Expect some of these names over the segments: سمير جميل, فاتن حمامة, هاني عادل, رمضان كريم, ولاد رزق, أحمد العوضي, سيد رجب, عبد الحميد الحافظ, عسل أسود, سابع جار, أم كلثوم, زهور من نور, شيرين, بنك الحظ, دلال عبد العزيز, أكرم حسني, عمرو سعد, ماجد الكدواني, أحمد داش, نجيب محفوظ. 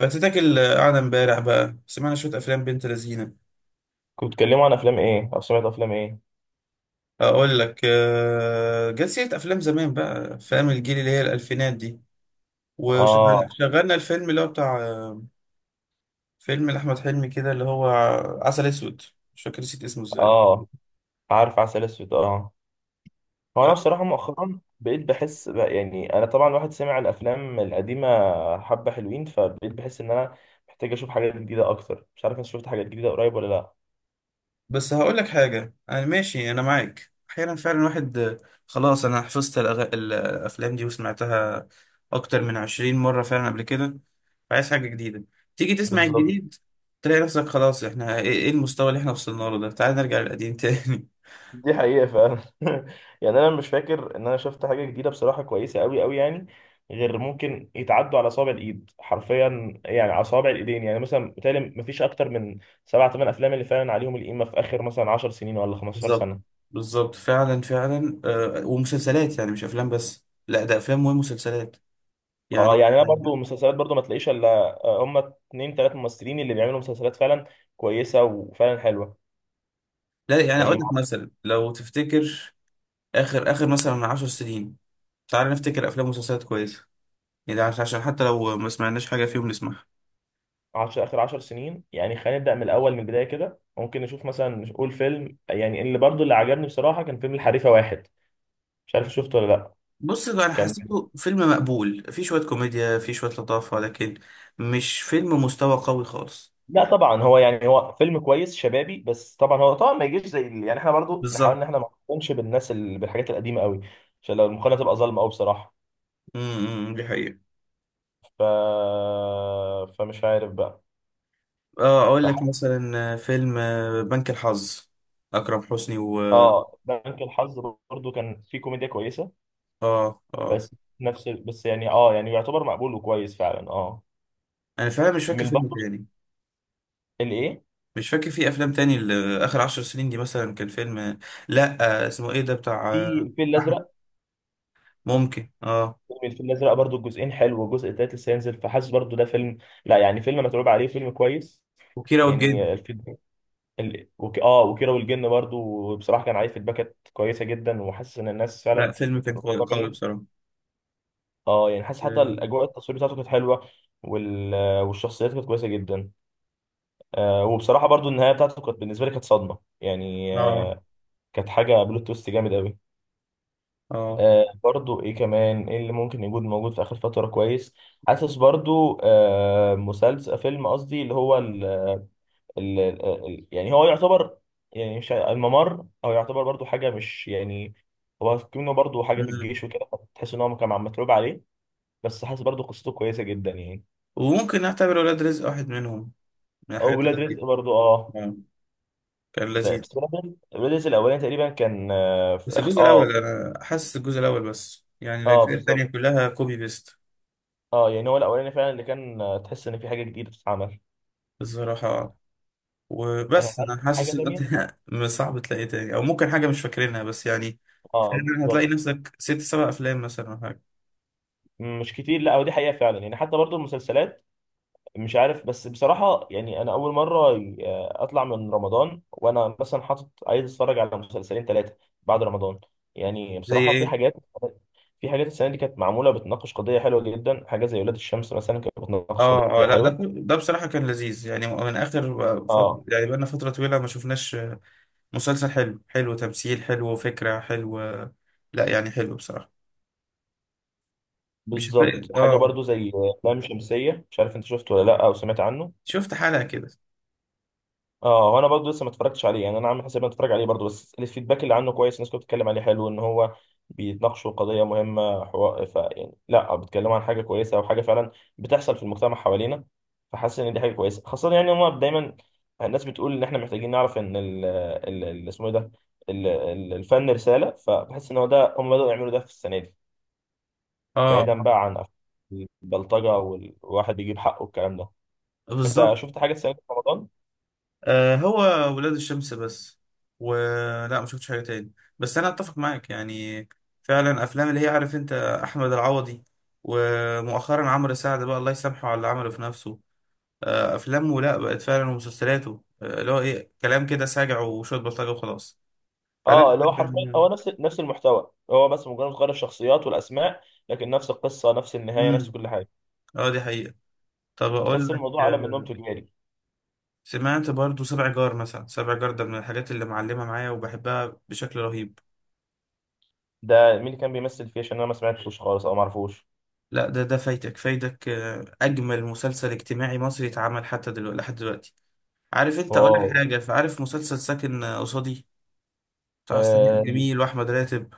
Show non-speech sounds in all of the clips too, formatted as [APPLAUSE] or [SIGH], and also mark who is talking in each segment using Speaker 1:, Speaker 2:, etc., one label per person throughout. Speaker 1: فاتتاكل قاعدة امبارح بقى سمعنا شوية أفلام بنت لذينة.
Speaker 2: كنت بتتكلموا عن افلام ايه او سمعت افلام ايه؟
Speaker 1: أقول لك جت سيرة أفلام زمان بقى فاهم الجيل اللي هي الألفينات دي.
Speaker 2: اه.
Speaker 1: وشغلنا الفيلم اللي هو بتاع فيلم لأحمد حلمي كده اللي هو عسل أسود. مش فاكر نسيت اسمه ازاي.
Speaker 2: اه، عارف عسل اسود، اه. هو انا بصراحه مؤخرا بقيت بحس بقى، يعني انا طبعا واحد سمع الافلام القديمه حبه حلوين، فبقيت بحس ان انا محتاج اشوف حاجات جديده اكتر. مش عارف انت شفت حاجات جديده قريب ولا لا؟
Speaker 1: بس هقول لك حاجة، أنا ماشي أنا معاك أحيانا فعلا واحد خلاص أنا حفظت الأفلام دي وسمعتها أكتر من 20 مرة فعلا قبل كده. عايز حاجة جديدة. تيجي تسمع
Speaker 2: بالظبط.
Speaker 1: الجديد، تلاقي نفسك خلاص إحنا إيه، المستوى اللي إحنا وصلنا له ده، تعال نرجع للقديم تاني.
Speaker 2: دي حقيقة فعلا. [LAUGHS] يعني أنا مش فاكر إن أنا شفت حاجة جديدة بصراحة كويسة أوي أوي، يعني غير ممكن يتعدوا على أصابع الإيد حرفيا، يعني على أصابع الإيدين. يعني مثلا بتهيألي مفيش أكتر من سبع تمن أفلام اللي فعلا عليهم القيمة في آخر مثلا 10 سنين ولا
Speaker 1: [LAUGHS]
Speaker 2: 15
Speaker 1: بالظبط.
Speaker 2: سنة.
Speaker 1: بالظبط فعلا فعلا، ومسلسلات يعني مش أفلام بس، لا ده أفلام ومسلسلات
Speaker 2: أه،
Speaker 1: يعني.
Speaker 2: يعني أنا برضو مسلسلات، برضو ما تلاقيش إلا هما اتنين تلات ممثلين اللي بيعملوا مسلسلات فعلا كويسة وفعلا حلوة.
Speaker 1: لا يعني أقول
Speaker 2: يعني
Speaker 1: لك مثلا لو تفتكر آخر آخر مثلا من 10 سنين، تعال نفتكر أفلام ومسلسلات كويسة، يعني ده عشان حتى لو ما سمعناش حاجة فيهم نسمعها.
Speaker 2: عشر آخر 10 سنين، يعني خلينا نبدأ من الأول من البداية كده. ممكن نشوف مثلا، نقول فيلم يعني اللي برضو اللي عجبني بصراحة كان فيلم الحريفة واحد. مش عارف شفته ولا لا؟
Speaker 1: بص انا
Speaker 2: كان،
Speaker 1: حسيته فيلم مقبول، فيه شوية كوميديا فيه شوية لطافة، لكن مش فيلم مستوى قوي خالص.
Speaker 2: لا طبعا هو يعني هو فيلم كويس شبابي، بس طبعا هو طبعا ما يجيش زي يعني احنا برضو نحاول
Speaker 1: بالظبط.
Speaker 2: ان احنا ما نقارنش بالناس بالحاجات القديمه قوي، عشان لو المقارنه تبقى ظالمه قوي بصراحه.
Speaker 1: امم، دي حقيقة.
Speaker 2: ف فمش عارف بقى.
Speaker 1: اه اقول لك
Speaker 2: فح...
Speaker 1: مثلا فيلم بنك الحظ، اكرم حسني و...
Speaker 2: اه بنك الحظ برضو كان فيه كوميديا كويسه،
Speaker 1: اه اه.
Speaker 2: بس نفس بس يعني اه، يعني يعتبر مقبول وكويس فعلا، اه.
Speaker 1: انا فعلا مش فاكر
Speaker 2: من
Speaker 1: فيلم
Speaker 2: برضو
Speaker 1: تاني.
Speaker 2: الايه،
Speaker 1: مش فاكر في افلام تاني اخر 10 سنين دي. مثلا كان فيلم لا اسمه ايه ده بتاع
Speaker 2: في الفيل
Speaker 1: احمد.
Speaker 2: الازرق.
Speaker 1: ممكن اه.
Speaker 2: فيلم الفيل الازرق برضو الجزئين حلو والجزء التالت لسه هينزل، فحاسس برضو ده فيلم، لا يعني فيلم متعوب عليه، فيلم كويس.
Speaker 1: وكيرة والجن.
Speaker 2: يعني الفيد اه، وكيرة والجن برضو بصراحه، كان عارف الباكت كويسه جدا، وحاسس ان الناس فعلا
Speaker 1: لا فيلم
Speaker 2: كانت
Speaker 1: كان قوي
Speaker 2: مبسوطه
Speaker 1: قوي
Speaker 2: منه.
Speaker 1: بصراحة.
Speaker 2: اه يعني حاسس حتى الاجواء، التصوير بتاعته كانت حلوه، وال... والشخصيات كانت كويسه جدا. آه، وبصراحه برضو النهايه بتاعته كانت بالنسبه لي كانت صدمه، يعني
Speaker 1: اه
Speaker 2: آه، كانت حاجه بلوت تويست جامد قوي.
Speaker 1: اه.
Speaker 2: آه، برضو ايه كمان، ايه اللي ممكن يكون موجود في اخر فتره كويس؟ حاسس برضو آه مسلسل، فيلم قصدي، اللي هو يعني هو يعتبر، يعني مش ع- الممر، او يعتبر برضو حاجه، مش يعني هو كأنه برضو حاجه في
Speaker 1: مم.
Speaker 2: الجيش وكده. تحس ان هو كان عم متعوب عليه، بس حاسس برضو قصته كويسه جدا يعني.
Speaker 1: وممكن نعتبر ولاد رزق واحد منهم، من
Speaker 2: او
Speaker 1: الحاجات
Speaker 2: ولاد
Speaker 1: اللطيفة.
Speaker 2: رزق برضو اه.
Speaker 1: آه. كان لذيذ.
Speaker 2: بس ولاد رزق، ولاد رزق الاولاني تقريبا كان آه،
Speaker 1: بس
Speaker 2: في اخر،
Speaker 1: الجزء
Speaker 2: اه.
Speaker 1: الأول أنا حاسس الجزء الأول بس يعني
Speaker 2: اه
Speaker 1: الأجزاء التانية
Speaker 2: بالظبط.
Speaker 1: كلها كوبي بيست.
Speaker 2: اه يعني هو الاولاني فعلا اللي كان تحس ان في حاجه جديده بتتعمل.
Speaker 1: الصراحة. وبس
Speaker 2: هل
Speaker 1: أنا
Speaker 2: في حاجه
Speaker 1: حاسس إن
Speaker 2: تانية؟
Speaker 1: أنت [LAUGHS] صعب تلاقي تاني، أو ممكن حاجة مش فاكرينها بس يعني.
Speaker 2: اه
Speaker 1: فعلاً هتلاقي
Speaker 2: بالظبط،
Speaker 1: نفسك ست سبع أفلام مثلا أو حاجة.
Speaker 2: مش كتير. لا ودي حقيقه فعلا، يعني حتى برضو المسلسلات. مش عارف، بس بصراحة يعني أنا أول مرة أطلع من رمضان وأنا مثلا حاطط عايز أتفرج على مسلسلين ثلاثة بعد رمضان. يعني
Speaker 1: زي
Speaker 2: بصراحة في
Speaker 1: إيه؟
Speaker 2: حاجات، في حاجات السنة دي كانت معمولة بتناقش قضية حلوة جدا، حاجة زي ولاد الشمس مثلا كانت بتناقش
Speaker 1: آه آه،
Speaker 2: قضية
Speaker 1: لا ده
Speaker 2: حلوة.
Speaker 1: ده بصراحة كان لذيذ يعني، من آخر فترة،
Speaker 2: اه
Speaker 1: يعني بقالنا فترة طويلة ما شفناش مسلسل حلو، حلو تمثيل، حلو فكرة، حلو. لا يعني حلو بصراحة. مش هتلاقي
Speaker 2: بالظبط. حاجة
Speaker 1: اه.
Speaker 2: برضو زي لام شمسية، مش عارف أنت شفته ولا لأ، أو سمعت عنه؟
Speaker 1: شفت حلقة كده.
Speaker 2: اه، وانا برضه لسه ما اتفرجتش عليه، يعني انا عامل حساب إني اتفرج عليه برضه، بس الفيدباك اللي عنه كويس، الناس كانت بتتكلم عليه حلو، ان هو بيتناقشوا قضيه مهمه، حوار ف يعني لا بيتكلموا عن حاجه كويسه، او حاجه فعلا بتحصل في المجتمع حوالينا. فحاسس ان دي حاجه كويسه، خاصه يعني هم دايما الناس بتقول ان احنا محتاجين نعرف ان اسمه ايه ده، الفن رساله، فبحس ان هو ده هم بدأوا يعملوا ده في السنه دي،
Speaker 1: اه
Speaker 2: بعيدا بقى عن البلطجه والواحد بيجيب حقه والكلام ده. انت
Speaker 1: بالظبط.
Speaker 2: شفت حاجه السنه دي في رمضان؟
Speaker 1: آه هو ولاد الشمس بس، ولا ما شفتش حاجة تاني. بس انا اتفق معاك يعني. فعلا افلام اللي هي عارف انت احمد العوضي، ومؤخرا عمرو سعد بقى الله يسامحه على اللي عمله في نفسه. آه افلامه لا بقت فعلا، ومسلسلاته اللي هو ايه كلام كده ساجع وشوية بلطجة وخلاص.
Speaker 2: اه،
Speaker 1: فلا.
Speaker 2: اللي هو حرفيا هو نفس، نفس المحتوى، هو بس مجرد غير الشخصيات والاسماء، لكن نفس القصه، نفس النهايه، نفس
Speaker 1: امم.
Speaker 2: كل حاجه.
Speaker 1: اه دي حقيقة. طب
Speaker 2: فتحس
Speaker 1: اقول لك
Speaker 2: الموضوع على منهم تجاري.
Speaker 1: سمعت برضو سبع جار، مثلا سبع جار ده من الحاجات اللي معلمة معايا وبحبها بشكل رهيب.
Speaker 2: ده مين اللي كان بيمثل فيه؟ عشان انا ما سمعتوش خالص او ما اعرفوش.
Speaker 1: لا ده فايتك فايتك اجمل مسلسل اجتماعي مصري اتعمل حتى دلوقتي لحد دلوقتي. عارف انت، اقول
Speaker 2: واو.
Speaker 1: لك حاجة، فعارف مسلسل ساكن قصادي، بتاع سمير
Speaker 2: آه
Speaker 1: جميل واحمد راتب.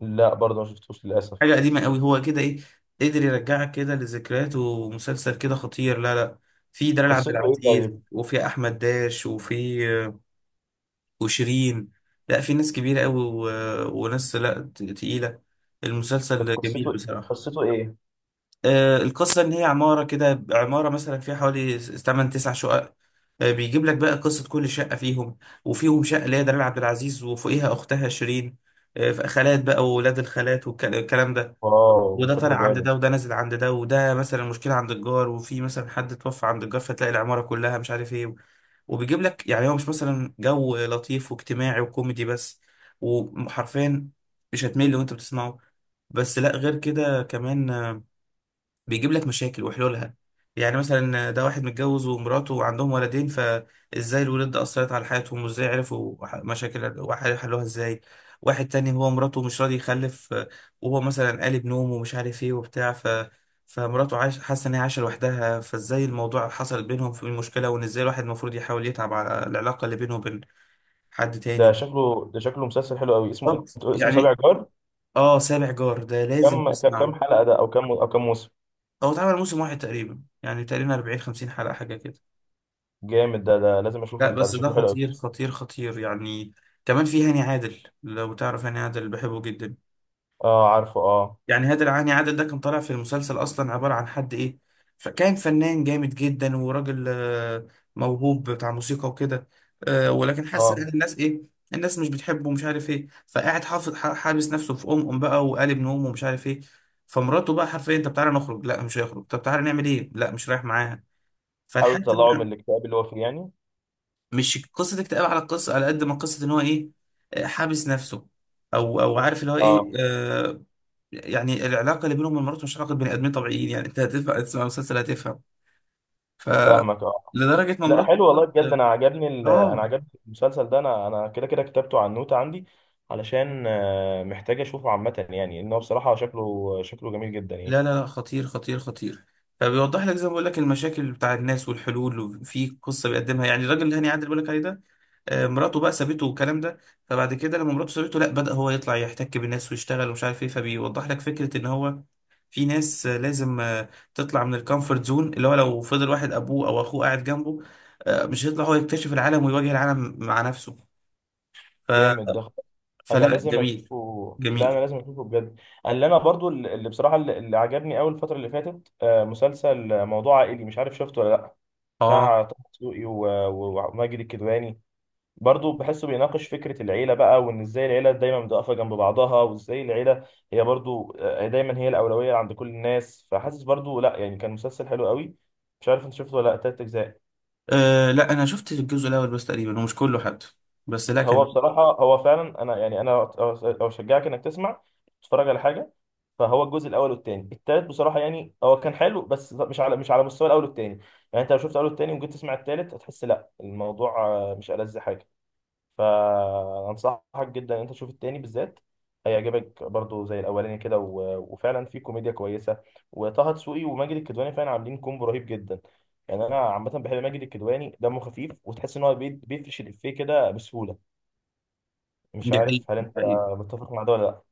Speaker 2: لا برضه ما شفتوش للاسف.
Speaker 1: حاجة قديمة قوي، هو كده ايه، قدر يرجعك كده لذكريات، ومسلسل كده خطير لا لا. في دلال عبد
Speaker 2: قصته ايه
Speaker 1: العزيز
Speaker 2: طيب؟
Speaker 1: وفي احمد داش وفي وشيرين. لا في ناس كبيرة قوي وناس لا تقيلة.
Speaker 2: كانت
Speaker 1: المسلسل جميل
Speaker 2: قصته،
Speaker 1: بصراحة.
Speaker 2: قصته ايه؟
Speaker 1: آه القصة إن هي عمارة كده، عمارة مثلا فيها حوالي تمن تسع شقق. آه بيجيب لك بقى قصة كل شقة فيهم. وفيهم شقة اللي هي دلال عبد العزيز وفوقيها أختها شيرين. آه خالات بقى وولاد الخالات والكلام ده،
Speaker 2: واو
Speaker 1: وده طالع
Speaker 2: شكله
Speaker 1: عند
Speaker 2: جامد
Speaker 1: ده، وده نازل عند ده، وده مثلا مشكلة عند الجار، وفي مثلا حد توفى عند الجار، فتلاقي العمارة كلها مش عارف ايه. وبيجيب لك يعني هو مش مثلا جو لطيف واجتماعي وكوميدي بس، وحرفيا مش هتمل وانت بتسمعه. بس لا غير كده كمان، بيجيب لك مشاكل وحلولها. يعني مثلا ده واحد متجوز ومراته وعندهم ولدين، فازاي الولاد ده اثرت على حياتهم، وازاي عرفوا مشاكل وحلوها ازاي. واحد تاني هو مراته مش راضي يخلف وهو مثلا قالب نوم ومش عارف ايه وبتاع فمراته عايش، حاسه ان هي عايشه لوحدها، فازاي الموضوع حصل بينهم في المشكله، وان ازاي الواحد المفروض يحاول يتعب على العلاقه اللي بينه وبين حد
Speaker 2: ده،
Speaker 1: تاني.
Speaker 2: شكله ده، شكله مسلسل حلو قوي. اسمه،
Speaker 1: طب،
Speaker 2: اسمه سابع
Speaker 1: يعني،
Speaker 2: جار؟
Speaker 1: اه سابع جار ده لازم
Speaker 2: كم كم
Speaker 1: تسمعه.
Speaker 2: حلقه ده، او كم، او كم موسم؟
Speaker 1: هو اتعمل موسم واحد تقريبا، يعني تقريبا 40 50 حلقه حاجه كده.
Speaker 2: جامد ده، ده لازم اشوفه،
Speaker 1: لا
Speaker 2: اللي بتاع ده
Speaker 1: بس ده
Speaker 2: شكله حلو قوي.
Speaker 1: خطير خطير خطير يعني. كمان في هاني عادل، لو تعرف هاني عادل بحبه جدا.
Speaker 2: اه عارفه، اه.
Speaker 1: يعني هاني عادل ده كان طالع في المسلسل اصلا عبارة عن حد ايه، فكان فنان جامد جدا وراجل موهوب بتاع موسيقى وكده. ولكن حاسس
Speaker 2: اه،
Speaker 1: ان الناس ايه، الناس مش بتحبه ومش عارف ايه، فقاعد حافظ حابس نفسه في ام ام بقى وقالب نوم ومش عارف ايه. فمراته بقى حرفيا، طب تعالى نخرج، لا مش هيخرج، طب تعالى نعمل ايه، لا مش رايح معاها.
Speaker 2: حاول
Speaker 1: فلحد،
Speaker 2: تطلعه من الاكتئاب اللي هو فيه يعني؟
Speaker 1: مش قصة اكتئاب على القصة، على قد ما قصة ان هو ايه، حابس نفسه، او عارف اللي هو ايه
Speaker 2: اه
Speaker 1: آه. يعني العلاقة اللي بينهم ومراته مش علاقة بني ادمين طبيعيين يعني، انت هتدفع تسمع مسلسل هتفهم. ف
Speaker 2: فاهمك، اه.
Speaker 1: لدرجة ما
Speaker 2: لا
Speaker 1: مراته.
Speaker 2: حلو والله بجد، انا عجبني
Speaker 1: [LAUGHS] اه.
Speaker 2: انا عجبني المسلسل ده، انا انا كده كده كتبته على النوتة عندي، علشان آه، محتاج اشوفه عامة، يعني ان هو بصراحة شكله، شكله جميل جدا يعني.
Speaker 1: لا لا لا خطير خطير خطير. فبيوضح لك زي ما بقول لك المشاكل بتاع الناس والحلول، وفي قصه بيقدمها يعني الراجل اللي هاني عادل بيقول لك عليه ده. مراته بقى سابته والكلام ده. فبعد كده لما مراته سابته لا، بدأ هو يطلع يحتك بالناس ويشتغل ومش عارف ايه. فبيوضح لك فكره ان هو في ناس لازم تطلع من الكومفورت زون. اللي هو لو فضل واحد ابوه او اخوه قاعد جنبه مش هيطلع هو يكتشف العالم ويواجه العالم مع نفسه. ف...
Speaker 2: جامد ده، انا
Speaker 1: فلا
Speaker 2: لازم
Speaker 1: جميل.
Speaker 2: اشوفه، لا انا
Speaker 1: جميل
Speaker 2: لازم اشوفه بجد. اللي انا برضو، اللي بصراحة اللي اللي عجبني قوي الفترة اللي فاتت آه، مسلسل موضوع عائلي، مش عارف شفته ولا لا؟
Speaker 1: اه.
Speaker 2: بتاع طه دسوقي وماجد الكدواني. برضه بحسه بيناقش فكرة العيلة بقى، وإن إزاي العيلة دايما بتقف جنب بعضها، وإزاي العيلة هي برضه آه، دايما هي الأولوية عند كل الناس. فحاسس برضه لأ يعني كان مسلسل حلو قوي. مش عارف أنت شفته ولا لأ، تلات أجزاء.
Speaker 1: أه لا انا شفت الجزء الاول بس تقريبا، ومش كله حتى، بس لا
Speaker 2: هو
Speaker 1: كان.
Speaker 2: بصراحة هو فعلا أنا يعني أو أشجعك إنك تسمع، تتفرج على حاجة. فهو الجزء الأول والتاني، التالت بصراحة يعني هو كان حلو بس مش على، مش على مستوى الأول والتاني. يعني أنت لو شفت الأول والتاني وجيت تسمع التالت هتحس لأ الموضوع آه، مش ألذ حاجة. فانصحك جدا ان انت تشوف التاني بالذات. هيعجبك برضو زي الاولاني كده، وفعلا في كوميديا كويسه، وطه دسوقي وماجد الكدواني فعلا عاملين كومبو رهيب جدا. يعني انا عامه بحب ماجد الكدواني، دمه خفيف، وتحس ان هو بيفرش الافيه كده بسهوله. مش
Speaker 1: دي حقيقة
Speaker 2: عارف هل
Speaker 1: دي
Speaker 2: انت
Speaker 1: حقيقة.
Speaker 2: متفق مع ده ولا لا؟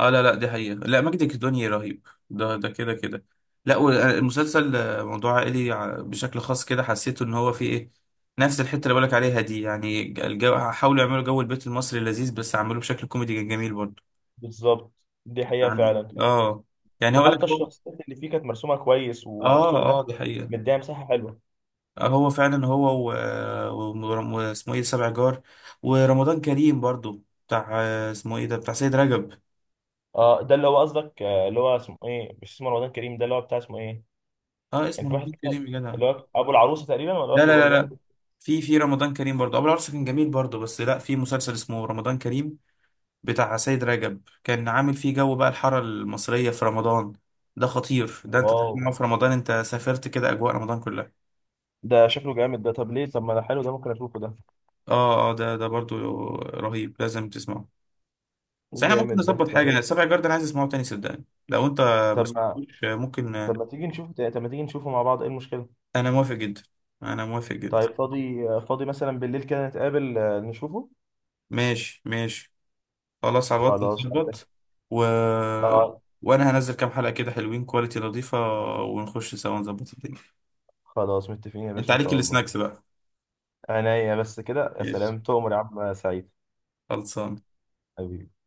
Speaker 1: اه لا لا دي حقيقة، لا ماجد الكدواني رهيب، ده كده كده. لا والمسلسل موضوع عائلي بشكل خاص كده حسيته ان هو فيه ايه، نفس الحتة اللي بقولك عليها دي يعني. الجو حاولوا يعملوا جو البيت المصري اللذيذ، بس عملوه بشكل كوميدي جميل برضه.
Speaker 2: بالظبط، دي حقيقه
Speaker 1: يعني
Speaker 2: فعلا.
Speaker 1: اه. يعني هقول
Speaker 2: وحتى
Speaker 1: لك هو.
Speaker 2: الشخصيات اللي فيه كانت مرسومه كويس
Speaker 1: اه
Speaker 2: ومكتوب لها،
Speaker 1: اه دي حقيقة.
Speaker 2: مديها مساحه حلوه.
Speaker 1: هو فعلا هو واسمه ايه سبع جار. ورمضان كريم برضو بتاع اسمه ايه ده بتاع سيد رجب.
Speaker 2: اه، ده اللي هو قصدك آه، اللي هو اسمه ايه؟ مش اسمه رمضان كريم ده، اللي هو بتاع اسمه ايه؟
Speaker 1: اه
Speaker 2: كان
Speaker 1: اسمه
Speaker 2: في واحد
Speaker 1: رمضان
Speaker 2: كده
Speaker 1: كريم يا جدع.
Speaker 2: اللي هو ابو العروسه تقريبا، ولا
Speaker 1: لا
Speaker 2: واحد،
Speaker 1: لا
Speaker 2: ولا
Speaker 1: لا
Speaker 2: ده
Speaker 1: لا.
Speaker 2: واحد؟
Speaker 1: في رمضان كريم برضو ابو العروسه كان جميل برضو، بس لا في مسلسل اسمه رمضان كريم بتاع سيد رجب كان عامل فيه جو بقى الحاره المصريه في رمضان. ده خطير، ده انت
Speaker 2: واو
Speaker 1: تسمعه في رمضان انت سافرت كده اجواء رمضان كلها.
Speaker 2: ده شكله جامد ده. طب ليه طب، ما ده حلو ده، ممكن اشوفه ده.
Speaker 1: اه اه ده برضو رهيب، لازم تسمعه. بس احنا ممكن
Speaker 2: جامد ده.
Speaker 1: نظبط حاجة،
Speaker 2: طب،
Speaker 1: السبع جارد انا عايز اسمعه تاني صدقني، لو انت ما
Speaker 2: طب ما
Speaker 1: سمعتوش، ممكن.
Speaker 2: طب ما طب ما تيجي نشوفه مع بعض، ايه المشكله؟
Speaker 1: انا موافق جدا. انا موافق جدا.
Speaker 2: طيب فاضي، فاضي مثلا بالليل كده نتقابل آه، نشوفه.
Speaker 1: ماشي ماشي. خلاص على الوقت
Speaker 2: خلاص.
Speaker 1: نظبط. و...
Speaker 2: اه
Speaker 1: وانا هنزل كام حلقة كده حلوين، كواليتي نظيفة، ونخش سوا نظبط الدنيا.
Speaker 2: خلاص، متفقين يا
Speaker 1: انت
Speaker 2: باشا ان
Speaker 1: عليك
Speaker 2: شاء الله.
Speaker 1: السناكس بقى.
Speaker 2: عينيا، بس كده يا
Speaker 1: ماشي.
Speaker 2: سلام، تؤمر يا عم سعيد،
Speaker 1: خلصان.
Speaker 2: حبيبي.